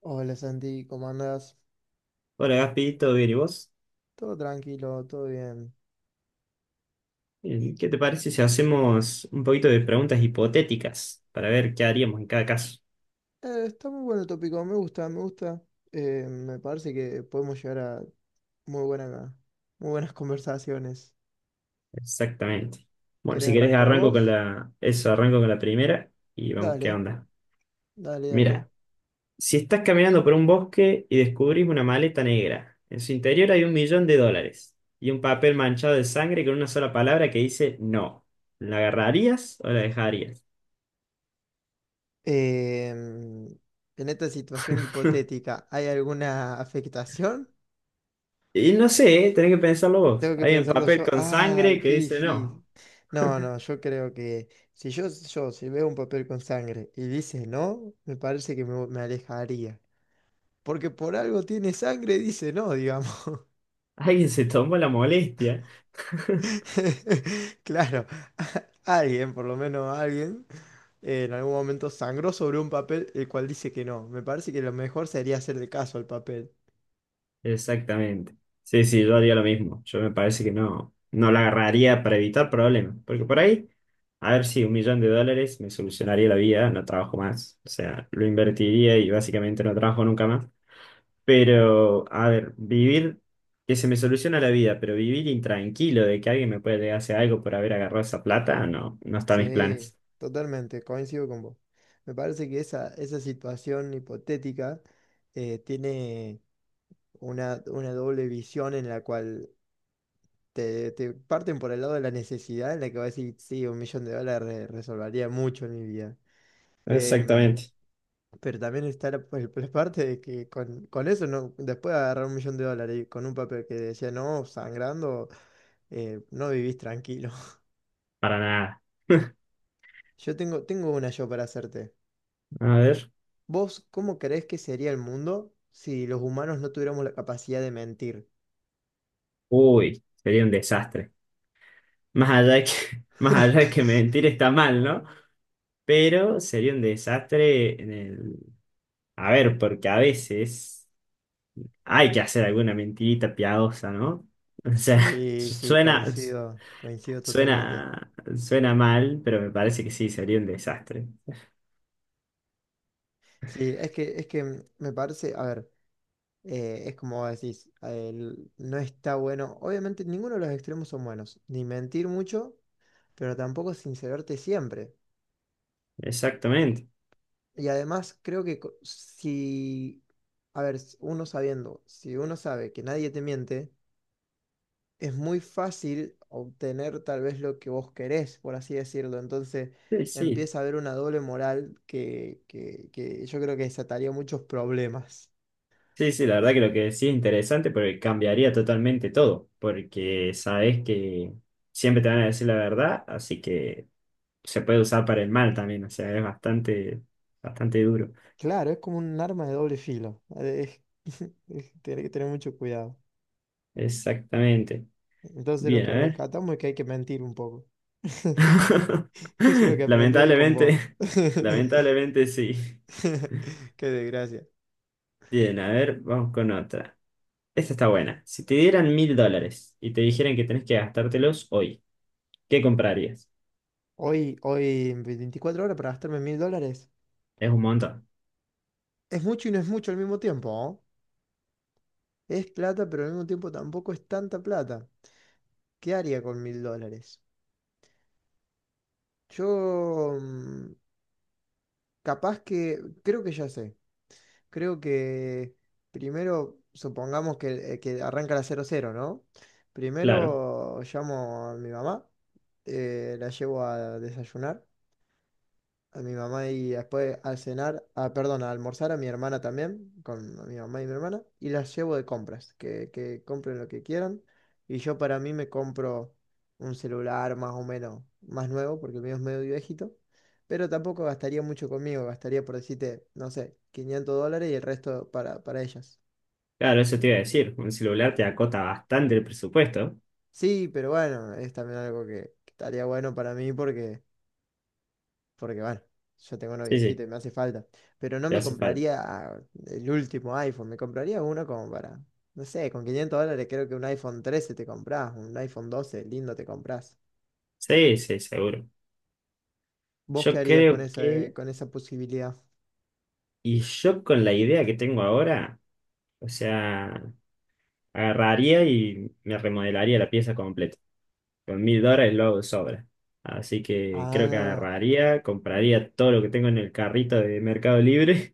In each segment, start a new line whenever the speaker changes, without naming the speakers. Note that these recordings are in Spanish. Hola Santi, ¿cómo andas?
Hola Gaspi, ¿todo bien? ¿Y vos?
Todo tranquilo, todo bien.
¿Qué te parece si hacemos un poquito de preguntas hipotéticas para ver qué haríamos en cada caso?
Está muy bueno el tópico, me gusta, me gusta. Me parece que podemos llegar a muy buena, muy buenas conversaciones.
Exactamente. Bueno,
¿Querés
si querés
arrancar vos?
arranco con la primera y vamos, ¿qué
Dale,
onda?
dale, dale.
Mira, si estás caminando por un bosque y descubrís una maleta negra, en su interior hay $1.000.000 y un papel manchado de sangre con una sola palabra que dice no. ¿La agarrarías o la dejarías?
Em, en esta situación hipotética, ¿hay alguna afectación?
Y no sé, ¿eh? Tenés que pensarlo vos.
Tengo que
Hay un
pensarlo
papel
yo.
con
¡Ay,
sangre que
qué
dice no.
difícil! No, no, yo creo que si yo si veo un papel con sangre y dice no, me parece que me alejaría. Porque por algo tiene sangre, dice no, digamos.
Alguien se tomó la molestia.
Claro, alguien, por lo menos alguien, en algún momento sangró sobre un papel el cual dice que no. Me parece que lo mejor sería hacerle caso al papel.
Exactamente. Sí, sí, yo haría lo mismo. Yo me parece que no, no la agarraría para evitar problemas. Porque por ahí, a ver si $1.000.000 me solucionaría la vida, no trabajo más. O sea, lo invertiría y básicamente no trabajo nunca más. Pero, a ver, vivir, que se me soluciona la vida, pero vivir intranquilo de que alguien me puede hacer algo por haber agarrado esa plata, no, no está en mis
Sí,
planes.
totalmente, coincido con vos. Me parece que esa situación hipotética tiene una doble visión en la cual te parten por el lado de la necesidad, en la que vas a decir, sí, un millón de dólares resolvería mucho en mi vida. Em,
Exactamente.
Pero también está la parte de que con eso no, después de agarrar un millón de dólares y con un papel que decía no, sangrando, no vivís tranquilo.
Para nada.
Yo tengo una yo para hacerte.
A ver.
¿Vos cómo creés que sería el mundo si los humanos no tuviéramos la capacidad de mentir?
Uy, sería un desastre. Más allá que, más allá de que mentir está mal, ¿no? Pero sería un desastre en el... A ver, porque a veces hay que hacer alguna mentirita piadosa, ¿no? O sea,
Sí, sí,
suena,
coincido, coincido totalmente.
suena mal, pero me parece que sí, sería un desastre.
Sí, es que me parece, a ver, es como vos decís, no está bueno, obviamente ninguno de los extremos son buenos, ni mentir mucho, pero tampoco sincerarte siempre.
Exactamente.
Y además creo que si, a ver, uno sabiendo, si uno sabe que nadie te miente, es muy fácil obtener tal vez lo que vos querés, por así decirlo. Entonces
Sí, sí.
empieza a haber una doble moral que yo creo que desataría muchos problemas.
Sí, sí, la verdad que lo que decís es interesante porque cambiaría totalmente todo, porque sabes que siempre te van a decir la verdad, así que... se puede usar para el mal también, o sea, es bastante, bastante duro.
Claro, es como un arma de doble filo. Es, tenés que tener mucho cuidado.
Exactamente.
Entonces lo
Bien,
que
a ver.
rescatamos es que hay que mentir un poco. Eso es lo que aprendí hoy con vos.
Lamentablemente, lamentablemente sí.
Qué desgracia.
Bien, a ver, vamos con otra. Esta está buena. Si te dieran $1.000 y te dijeran que tenés que gastártelos hoy, ¿qué comprarías?
Hoy, hoy, en 24 horas para gastarme mil dólares.
Es un montón.
Es mucho y no es mucho al mismo tiempo, ¿no? Es plata, pero al mismo tiempo tampoco es tanta plata. ¿Qué haría con mil dólares? Yo, capaz que, creo que ya sé. Creo que primero, supongamos que arranca la cero cero, ¿no?
Claro,
Primero llamo a mi mamá, la llevo a desayunar a mi mamá y después al cenar, ah, perdón, a almorzar a mi hermana también, con mi mamá y mi hermana, y las llevo de compras, que compren lo que quieran. Y yo para mí me compro un celular más o menos más nuevo, porque el mío es medio viejito, pero tampoco gastaría mucho conmigo, gastaría por decirte, no sé, 500 dólares y el resto para ellas.
claro, eso te iba a decir. Un celular te acota bastante el presupuesto.
Sí, pero bueno, es también algo que estaría bueno para mí porque... porque bueno, yo tengo uno
Sí,
viejito
sí,
y me hace falta. Pero no
te
me
hace falta.
compraría el último iPhone, me compraría uno como para, no sé, con 500 dólares creo que un iPhone 13 te compras, un iPhone 12 lindo te compras.
Sí, sí, seguro.
¿Vos qué
Yo
harías con
creo que,
con esa posibilidad?
y yo con la idea que tengo ahora. O sea, agarraría y me remodelaría la pieza completa. Con $1.000 lo hago de sobra. Así que creo que
Ah,
agarraría, compraría todo lo que tengo en el carrito de Mercado Libre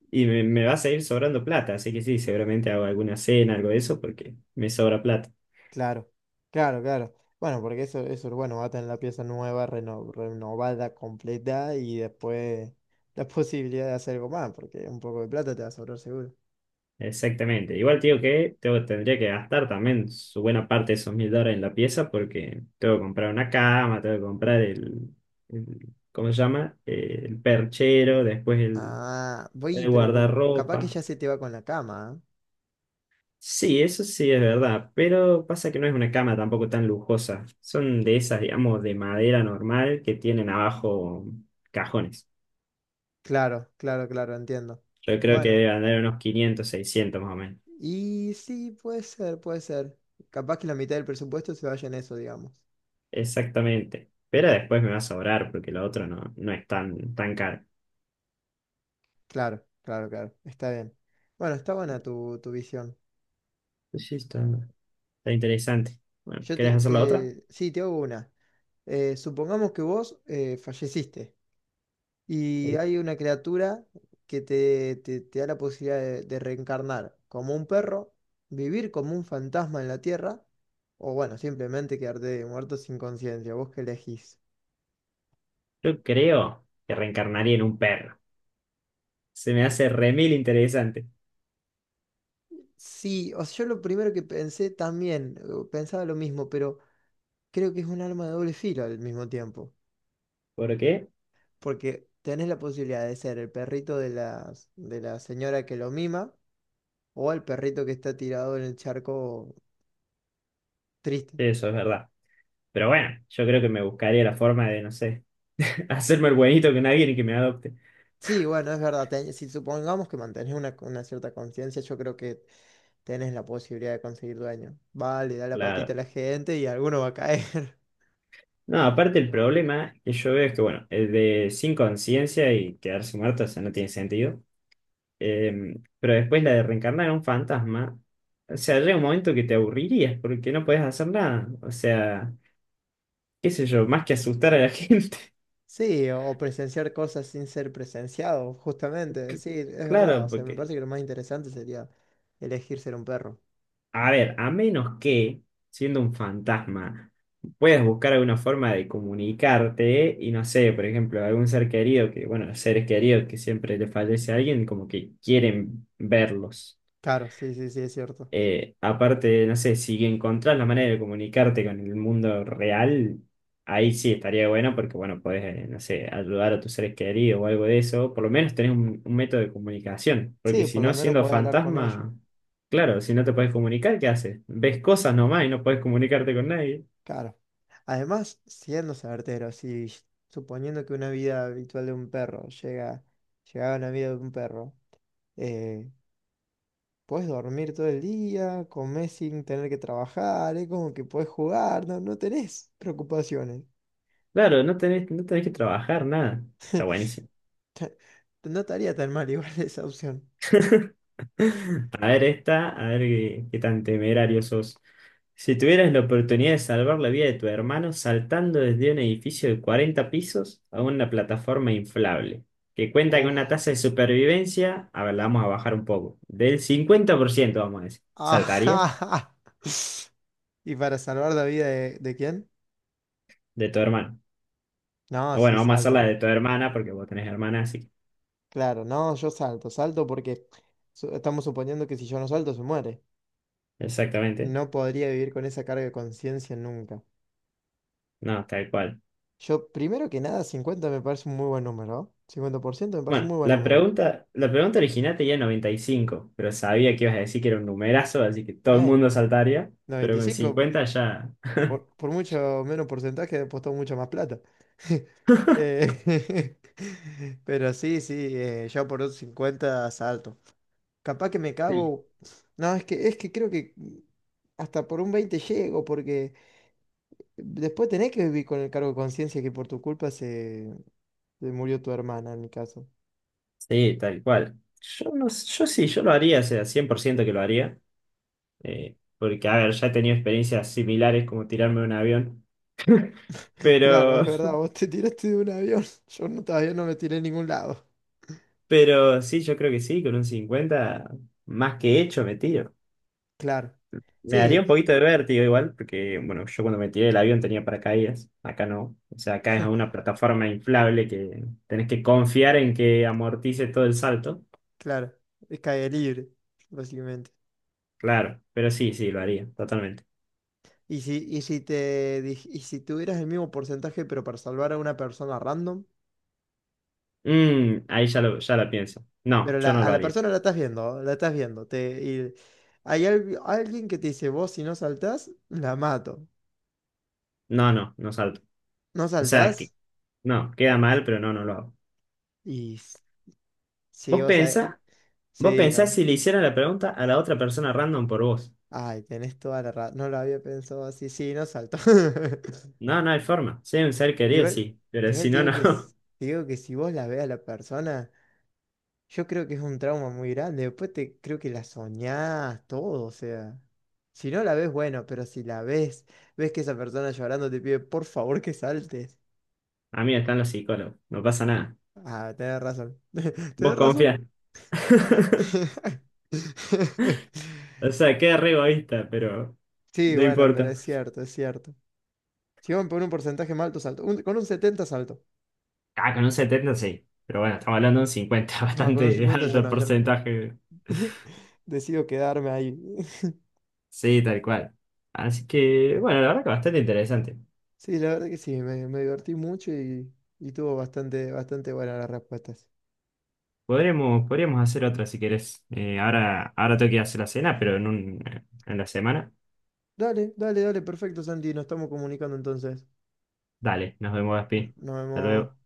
y me va a seguir sobrando plata. Así que sí, seguramente hago alguna cena, algo de eso, porque me sobra plata.
claro, claro, claro. Bueno, porque eso, bueno, va a tener la pieza nueva, renovada, completa y después la posibilidad de hacer algo más, porque un poco de plata te va a sobrar seguro.
Exactamente. Igual te digo que tendría que gastar también su buena parte de esos $1.000 en la pieza porque tengo que comprar una cama, tengo que comprar ¿cómo se llama? El perchero, después,
Ah, voy,
el
pero capaz que
guardarropa.
ya se te va con la cama, ¿eh?
Sí, eso sí es verdad, pero pasa que no es una cama tampoco tan lujosa. Son de esas, digamos, de madera normal que tienen abajo cajones.
Claro, claro, claro, entiendo.
Yo creo que
Bueno,
deben andar unos 500, 600 más o menos.
y sí, puede ser, puede ser. Capaz que la mitad del presupuesto se vaya en eso, digamos.
Exactamente. Pero después me va a sobrar porque lo otro no, no es tan, tan caro.
Claro, claro, claro, está bien. Bueno, está buena tu, tu visión.
Pues sí, está interesante. Bueno,
Yo
¿querés hacer la otra?
sí, te hago una. Supongamos que vos falleciste. Y hay una criatura que te da la posibilidad de reencarnar como un perro, vivir como un fantasma en la tierra, o bueno, simplemente quedarte muerto sin conciencia. ¿Vos qué elegís?
Yo creo que reencarnaría en un perro. Se me hace remil interesante.
Sí, o sea, yo lo primero que pensé también, pensaba lo mismo, pero creo que es un arma de doble filo al mismo tiempo,
¿Por qué?
porque tenés la posibilidad de ser el perrito de la señora que lo mima o el perrito que está tirado en el charco triste.
Eso es verdad. Pero bueno, yo creo que me buscaría la forma de, no sé, hacerme el buenito con alguien y que me adopte.
Sí, bueno, es verdad. Si supongamos que mantenés una cierta conciencia, yo creo que tenés la posibilidad de conseguir dueño. Vale, da la patita a
Claro.
la gente y alguno va a caer.
No, aparte el problema que yo veo es que, bueno, el de sin conciencia y quedarse muerto, o sea, no tiene sentido. Pero después la de reencarnar en un fantasma, o sea, llega un momento que te aburrirías porque no puedes hacer nada. O sea, qué sé yo, más que asustar a la gente.
Sí, o presenciar cosas sin ser presenciado, justamente. Sí, es verdad. O
Claro,
sea, me
porque
parece que lo más interesante sería elegir ser un perro.
a ver, a menos que, siendo un fantasma, puedas buscar alguna forma de comunicarte y no sé, por ejemplo, algún ser querido que, bueno, los seres queridos que siempre le fallece a alguien, como que quieren verlos.
Claro, sí, sí, sí, es cierto.
Aparte, no sé, si encontrás la manera de comunicarte con el mundo real, ahí sí estaría bueno porque, bueno, podés, no sé, ayudar a tus seres queridos o algo de eso. Por lo menos tenés un método de comunicación, porque
Sí,
si
por lo
no,
menos
siendo
podés hablar con ellos.
fantasma, claro, si no te podés comunicar, ¿qué haces? Ves cosas nomás y no podés comunicarte con nadie.
Claro. Además, siendo certero, si suponiendo que una vida habitual de un perro llega, llegaba a una vida de un perro. Eh, Puedes dormir todo el día, comer sin tener que trabajar, es como que puedes jugar, no, no tenés preocupaciones.
Claro, no tenés, no tenés que trabajar, nada. Está buenísimo.
No estaría tan mal igual esa opción.
A ver esta, a ver qué tan temerario sos. Si tuvieras la oportunidad de salvar la vida de tu hermano saltando desde un edificio de 40 pisos a una plataforma inflable, que cuenta con
Uf.
una tasa de supervivencia, a ver, la vamos a bajar un poco, del 50% vamos a decir, ¿saltarías
Ajá. ¿Y para salvar la vida de quién?
de tu hermano?
No,
O
sí,
bueno, vamos a hacer
salto.
la de tu hermana, porque vos tenés hermana, así que...
Claro, no, yo salto, salto porque estamos suponiendo que si yo no salto se muere.
Exactamente.
No podría vivir con esa carga de conciencia nunca.
No, tal cual.
Yo, primero que nada, 50 me parece un muy buen número, ¿no? Cincuenta por ciento me parece un
Bueno,
muy buen número.
la pregunta original tenía 95, pero sabía que ibas a decir que era un numerazo, así que todo el
Eh,
mundo saltaría, pero con
95.
50 ya...
Por mucho menos porcentaje apostó mucho más plata. Eh, pero sí, sí, yo por un 50 salto. Capaz que me
Sí,
cago. No, es que creo que hasta por un 20 llego, porque después tenés que vivir con el cargo de conciencia que por tu culpa se murió tu hermana en mi caso.
sí, tal cual. Yo, no, s- yo sí, yo lo haría, o sea, 100% que lo haría, porque, a ver, ya he tenido experiencias similares como tirarme de un avión,
Claro, es
pero,
verdad, vos te tiraste de un avión. Yo no, todavía no me tiré en ningún lado.
pero sí, yo creo que sí, con un 50 más que hecho me tiro.
Claro.
Me daría
Sí,
un poquito de vértigo igual, porque bueno, yo cuando me tiré del avión tenía paracaídas, acá no. O sea, acá es una plataforma inflable que tenés que confiar en que amortice todo el salto.
claro. Es caer libre, básicamente.
Claro, pero sí, sí, lo haría, totalmente.
Y si, y si y si tuvieras el mismo porcentaje, pero para salvar a una persona random,
Mm, ahí ya lo, ya la pienso. No,
pero
yo no
a
lo
la
haría.
persona la estás viendo, te, y hay alguien que te dice, vos si no saltás, la mato.
No, no, no salto.
No
O sea, que
saltás
no, queda mal, pero no, no lo hago.
y s- sí,
¿Vos
vos
pensás?
sabés.
¿Vos
Sí,
pensás
no.
si le hiciera la pregunta a la otra persona random por vos?
Ay, tenés toda la razón. No lo había pensado así, sí, no salto.
No, no hay forma. Si hay un ser querido,
Igual,
sí, pero
igual
si
te
no,
digo
no.
que te digo que si vos la ves a la persona. Yo creo que es un trauma muy grande. Después te creo que la soñás, todo, o sea. Si no la ves, bueno, pero si la ves, ves que esa persona llorando te pide por favor que saltes.
A mí están los psicólogos, no pasa nada.
Ah, tenés razón. Tenés
¿Vos
razón.
confías? O sea, queda re egoísta, pero
Sí,
no
bueno, pero
importa.
es cierto, es cierto. Si van por un porcentaje más alto, salto. Con un 70 salto.
Ah, con un 70 sí. Pero bueno, estamos hablando de un 50,
No, con un
bastante
50 ya
alto
no, ya
porcentaje.
decido quedarme ahí.
Sí, tal cual. Así que, bueno, la verdad que bastante interesante.
Sí, la verdad que sí, me divertí mucho y tuvo bastante, bastante buenas las respuestas.
Podríamos hacer otra si querés. Ahora tengo que ir a hacer la cena, pero en la semana.
Dale, dale, dale, perfecto, Santi. Nos estamos comunicando entonces.
Dale, nos vemos, Gaspi.
Nos
Hasta
vemos.
luego.